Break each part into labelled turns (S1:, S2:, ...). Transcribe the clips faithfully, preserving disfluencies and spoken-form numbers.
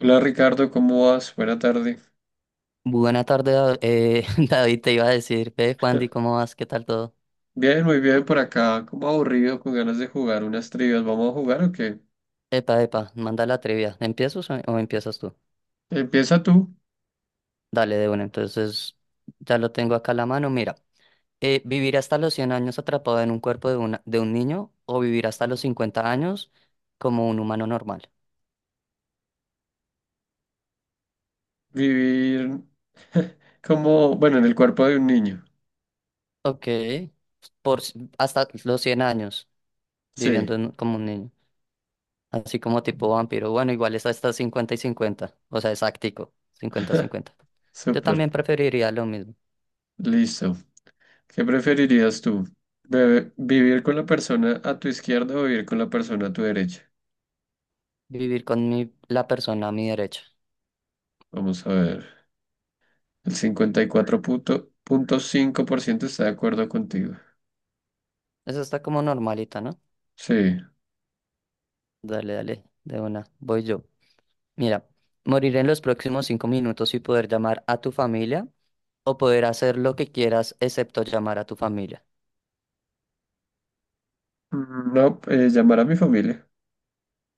S1: Hola Ricardo, ¿cómo vas? Buena tarde.
S2: Buena tarde, Da- eh, David, te iba a decir, ve, Juandi, ¿cómo vas? ¿Qué tal todo?
S1: Bien, muy bien por acá, como aburrido, con ganas de jugar unas trivias. ¿Vamos a jugar o qué?
S2: Epa, epa, manda la trivia. ¿Empiezas o, o empiezas tú?
S1: Empieza tú,
S2: Dale, de una. Entonces, ya lo tengo acá a la mano. Mira, eh, vivir hasta los cien años atrapado en un cuerpo de, una, de un niño o vivir hasta los cincuenta años como un humano normal.
S1: vivir como, bueno, en el cuerpo de un niño.
S2: Ok, por, s- hasta los cien años
S1: Sí,
S2: viviendo en- como un niño, así como tipo vampiro. Bueno, igual es hasta cincuenta y cincuenta. O sea, exactico, cincuenta cincuenta. Yo
S1: súper,
S2: también preferiría lo mismo.
S1: listo. ¿Qué preferirías tú? Bebe- ¿Vivir con la persona a tu izquierda o vivir con la persona a tu derecha?
S2: Vivir con mi, la persona a mi derecha.
S1: Vamos a ver. El cincuenta y cuatro punto cinco por ciento está de acuerdo contigo.
S2: Eso está como normalita, ¿no?
S1: Sí.
S2: Dale, dale, de una. Voy yo. Mira, morir en los próximos cinco minutos y poder llamar a tu familia o poder hacer lo que quieras excepto llamar a tu familia.
S1: Mm, no, eh, llamar a mi familia.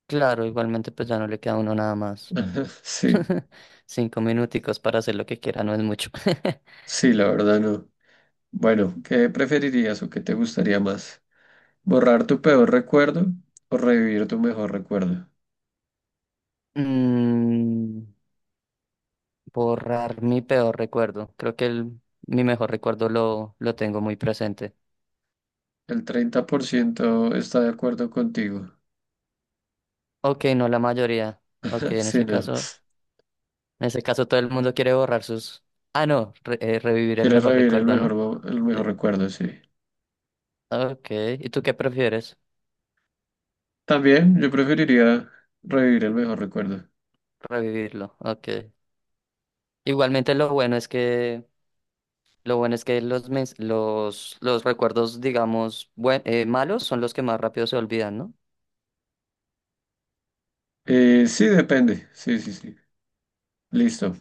S2: Claro, igualmente pues ya no le queda a uno nada más.
S1: Ajá, sí,
S2: Cinco minuticos para hacer lo que quiera no es mucho.
S1: sí, la verdad no. Bueno, ¿qué preferirías o qué te gustaría más? ¿Borrar tu peor recuerdo o revivir tu mejor recuerdo?
S2: Mm, borrar mi peor recuerdo. Creo que el, mi mejor recuerdo lo, lo tengo muy presente.
S1: El treinta por ciento está de acuerdo contigo.
S2: Ok, no la mayoría. Ok, en
S1: Sí,
S2: ese
S1: no.
S2: caso. En ese caso, todo el mundo quiere borrar sus... Ah, no, re- eh, revivir el
S1: Quieres
S2: mejor
S1: revivir el
S2: recuerdo,
S1: mejor,
S2: ¿no?
S1: mo- el mejor
S2: Sí.
S1: recuerdo, sí.
S2: Ok, ¿y tú qué prefieres?
S1: También yo preferiría revivir el mejor recuerdo.
S2: Revivirlo, ok. Igualmente lo bueno es que... Lo bueno es que los, mens- los, los recuerdos, digamos, buen- eh, malos son los que más rápido se olvidan, ¿no?
S1: Eh, sí, depende. Sí, sí, sí. Listo.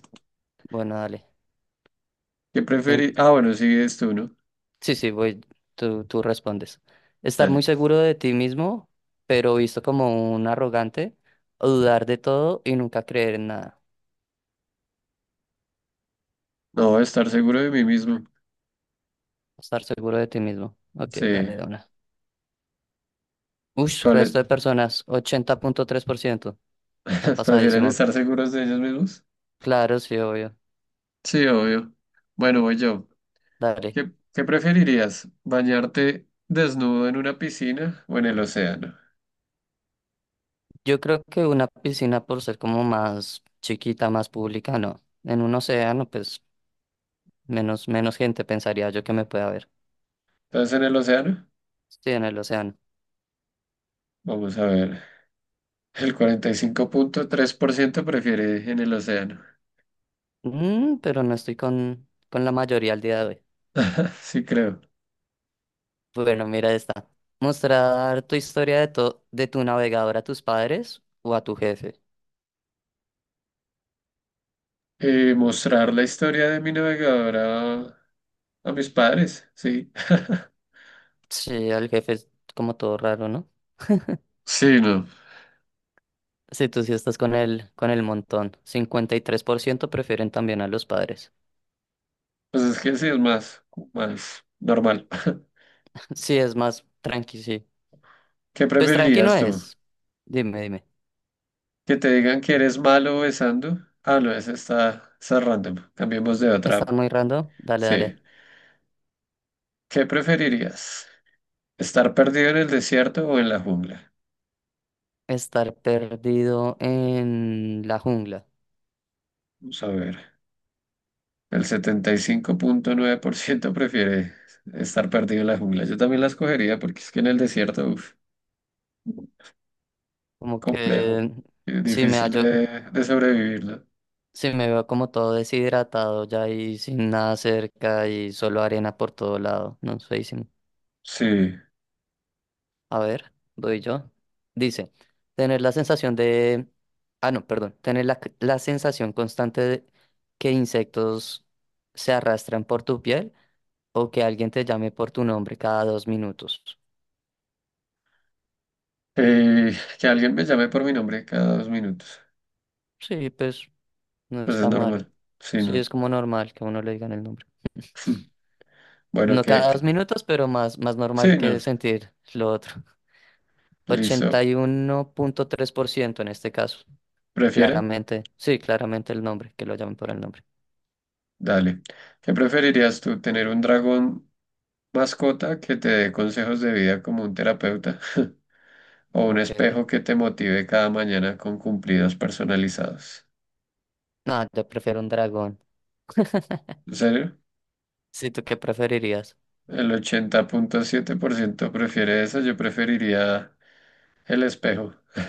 S2: Bueno, dale.
S1: ¿Qué
S2: En-
S1: preferí? Ah, bueno, sigues tú, ¿no?
S2: Sí, sí, voy, tú, tú respondes. Estar
S1: Dale.
S2: muy seguro de ti mismo, pero visto como un arrogante, o dudar de todo y nunca creer en nada.
S1: No, estar seguro de mí mismo.
S2: Estar seguro de ti mismo. Ok,
S1: Sí.
S2: dale, de una. Ush,
S1: ¿Cuál es?
S2: resto de personas, ochenta punto tres por ciento, está
S1: Prefieren
S2: pasadísimo.
S1: estar seguros de ellos mismos.
S2: Claro, sí, obvio.
S1: Sí, obvio. Bueno, voy yo.
S2: Dale.
S1: ¿Qué, qué preferirías? ¿Bañarte desnudo en una piscina o en el océano?
S2: Yo creo que una piscina por ser como más chiquita, más pública, no. En un océano, pues menos, menos gente pensaría yo que me pueda ver.
S1: Entonces, en el océano,
S2: Estoy en el océano.
S1: vamos a ver. El cuarenta y cinco punto tres por ciento prefiere en el océano.
S2: Mm, pero no estoy con, con la mayoría al día de hoy.
S1: Sí, creo.
S2: Bueno, mira esta. Mostrar tu historia de, to- de tu navegador a tus padres o a tu jefe.
S1: Eh, mostrar la historia de mi navegador a, a mis padres, sí.
S2: Sí, al jefe es como todo raro, ¿no?
S1: Sí, no.
S2: Sí, tú sí estás con el, con el montón. Cincuenta y tres por ciento prefieren también a los padres.
S1: Pues es que sí es más, más normal.
S2: Sí, es más tranqui, sí.
S1: ¿Qué
S2: Pues tranqui no
S1: preferirías tú?
S2: es. Dime, dime.
S1: Que te digan que eres malo besando. Ah, no, esa está, está random. Cambiemos de otra.
S2: ¿Está muy random? Dale,
S1: Sí.
S2: dale.
S1: ¿Qué preferirías? ¿Estar perdido en el desierto o en la jungla?
S2: Estar perdido en la jungla.
S1: Vamos a ver. El setenta y cinco punto nueve por ciento prefiere estar perdido en la jungla. Yo también la escogería porque es que en el desierto, uf,
S2: Como
S1: complejo.
S2: que
S1: Y
S2: si me
S1: difícil
S2: hallo,
S1: de, de sobrevivir, ¿no?
S2: si me veo como todo deshidratado ya y sin nada cerca y solo arena por todo lado. No sé,
S1: Sí.
S2: a ver, doy yo. Dice, tener la sensación de... Ah, no, perdón. Tener la, c- la sensación constante de que insectos se arrastran por tu piel o que alguien te llame por tu nombre cada dos minutos.
S1: Eh, que alguien me llame por mi nombre cada dos minutos.
S2: Sí, pues no
S1: Pues es
S2: está mal.
S1: normal. Sí,
S2: Sí,
S1: no.
S2: es como normal que a uno le digan el nombre.
S1: Bueno,
S2: No
S1: que,
S2: cada
S1: que-
S2: dos minutos, pero más, más normal
S1: sí, no.
S2: que sentir lo otro. Ochenta
S1: Listo.
S2: y uno punto tres por ciento en este caso.
S1: ¿Prefiere?
S2: Claramente, sí, claramente el nombre, que lo llamen por el nombre.
S1: Dale. ¿Qué preferirías tú, tener un dragón mascota que te dé consejos de vida como un terapeuta o un
S2: Ok.
S1: espejo que te motive cada mañana con cumplidos personalizados?
S2: No, yo prefiero un dragón.
S1: ¿En serio?
S2: ¿Sí tú qué preferirías?
S1: El ochenta punto siete por ciento prefiere eso. Yo preferiría el espejo.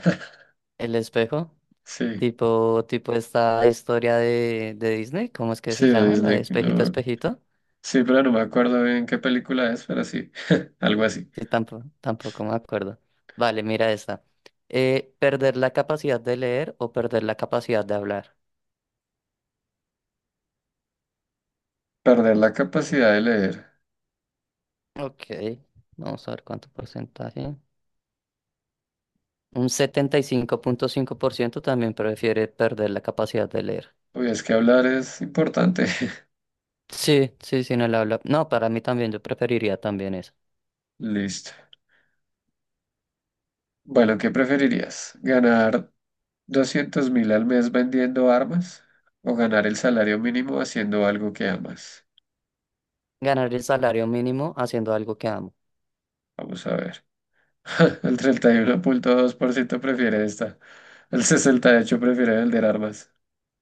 S2: ¿El espejo?
S1: Sí,
S2: Tipo, tipo esta historia de, de Disney, ¿cómo es que
S1: sí,
S2: se
S1: de
S2: llama? La de
S1: Disney.
S2: espejito,
S1: No.
S2: espejito.
S1: Sí, pero no me acuerdo bien qué película es, pero sí, algo así.
S2: Sí, tampoco, tampoco me acuerdo. Vale, mira esta. Eh, ¿perder la capacidad de leer o perder la capacidad de hablar?
S1: Perder la capacidad de leer.
S2: Ok, vamos a ver cuánto porcentaje. Un setenta y cinco cinco punto cinco por ciento también prefiere perder la capacidad de leer.
S1: Uy, es que hablar es importante.
S2: Sí, sí, sin el habla. No, para mí también, yo preferiría también eso.
S1: Listo. Bueno, ¿qué preferirías? ¿Ganar doscientos mil al mes vendiendo armas o ganar el salario mínimo haciendo algo que amas?
S2: Ganar el salario mínimo haciendo algo que amo.
S1: Vamos a ver. El treinta y uno punto dos por ciento prefiere esta. El sesenta y ocho por ciento prefiere vender armas.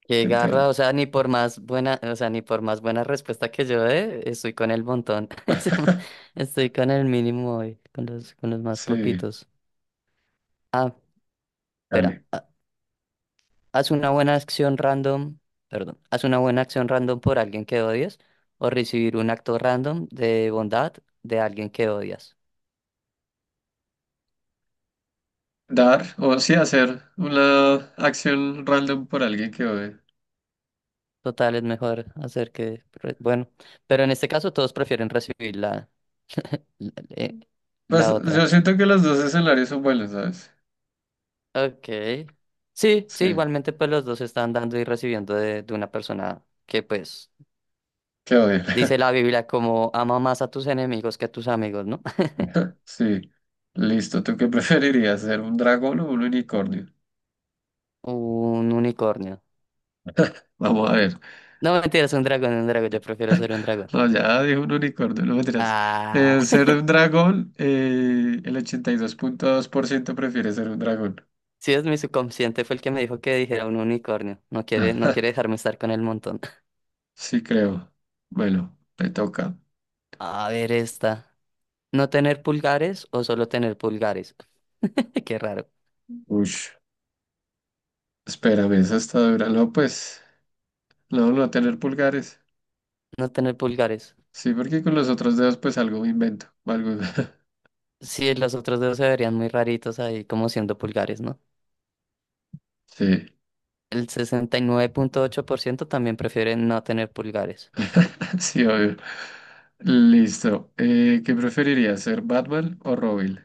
S2: Qué garra,
S1: Entel.
S2: o sea, ni por más buena, o sea, ni por más buena respuesta que yo dé, estoy con el montón. Estoy con el mínimo hoy, con los, con los más
S1: Sí,
S2: poquitos. Ah, espera,
S1: dale.
S2: ah, haz una buena acción random, perdón, haz una buena acción random por alguien que odias o recibir un acto random de bondad de alguien que odias.
S1: Dar o sí hacer una acción random por alguien que odie.
S2: Total, es mejor hacer que, re- bueno, pero en este caso todos prefieren recibir la, la la-
S1: Pues
S2: la
S1: yo
S2: otra.
S1: siento que los dos escenarios son buenos, ¿sabes?
S2: Ok. Sí,
S1: Sí,
S2: sí, igualmente pues los dos están dando y recibiendo de, de una persona que pues
S1: que odie.
S2: dice la Biblia como ama más a tus enemigos que a tus amigos, ¿no?
S1: Sí, listo. ¿Tú qué preferirías, ser un dragón o un unicornio?
S2: Un unicornio.
S1: Vamos a ver.
S2: No, mentira, es un dragón, un dragón, yo prefiero ser un dragón.
S1: No, ya dije un unicornio, no me dirás.
S2: Ah,
S1: Ser un dragón, eh, el ochenta y dos punto dos por ciento prefiere ser un dragón.
S2: sí, es mi subconsciente, fue el que me dijo que dijera un unicornio. No quiere, no quiere dejarme estar con el montón.
S1: Sí, creo. Bueno, me toca.
S2: A ver esta. ¿No tener pulgares o solo tener pulgares? Qué raro.
S1: Ush, espérame, esa está dura. No, pues, no, no tener pulgares.
S2: No tener pulgares.
S1: Sí, porque con los otros dedos, pues algo me invento. Algo...
S2: Sí, los otros dos se verían muy raritos ahí como siendo pulgares, ¿no?
S1: Sí,
S2: El sesenta y nueve punto ocho por ciento también prefiere no tener pulgares.
S1: sí, obvio. Listo. Eh, ¿qué preferirías, ser Batman o Robin?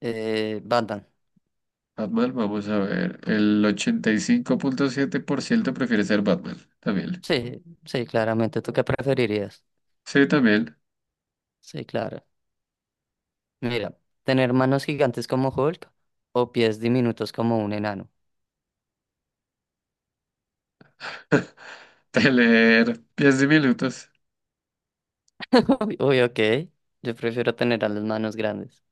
S2: Eh, Batman.
S1: Batman, vamos a ver. El ochenta y cinco punto siete por ciento prefiere ser Batman. También.
S2: Sí, sí, claramente. ¿Tú qué preferirías?
S1: Sí, también.
S2: Sí, claro. Mira, tener manos gigantes como Hulk o pies diminutos como un enano.
S1: De leer diez minutos.
S2: Uy, uy, ok. Yo prefiero tener a las manos grandes.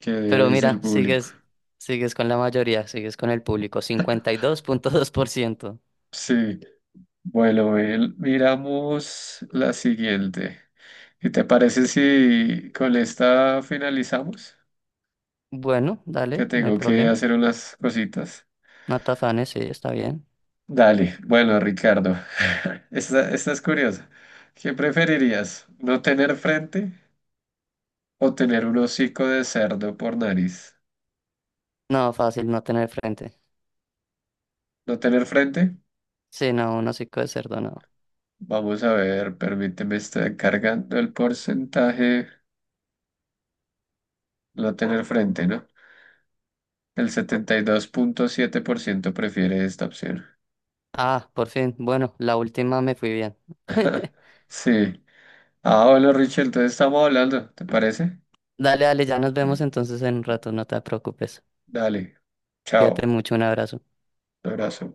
S1: Que
S2: Pero
S1: dice el
S2: mira,
S1: público.
S2: sigues, sigues con la mayoría, sigues con el público, cincuenta y dos dos punto dos por ciento.
S1: Sí. Bueno, Bel, miramos la siguiente. ¿Y te parece si con esta finalizamos?
S2: Bueno,
S1: Que
S2: dale, no hay
S1: tengo que
S2: problema.
S1: hacer unas cositas.
S2: No te afanes, sí, está bien.
S1: Dale. Bueno, Ricardo. Esta, esta es curiosa. ¿Qué preferirías? ¿No tener frente o tener un hocico de cerdo por nariz?
S2: No, fácil no tener frente.
S1: No tener frente.
S2: Sí, no, un hocico de cerdo, no.
S1: Vamos a ver, permíteme, está cargando el porcentaje. No tener frente, ¿no? El setenta y dos punto siete por ciento prefiere esta opción.
S2: Ah, por fin. Bueno, la última me fui bien.
S1: Sí. Ah, bueno, Richard, entonces estamos hablando, ¿te parece?
S2: Dale, dale, ya nos vemos
S1: Sí.
S2: entonces en un rato, no te preocupes.
S1: Dale,
S2: Cuídate
S1: chao,
S2: mucho, un abrazo.
S1: un abrazo.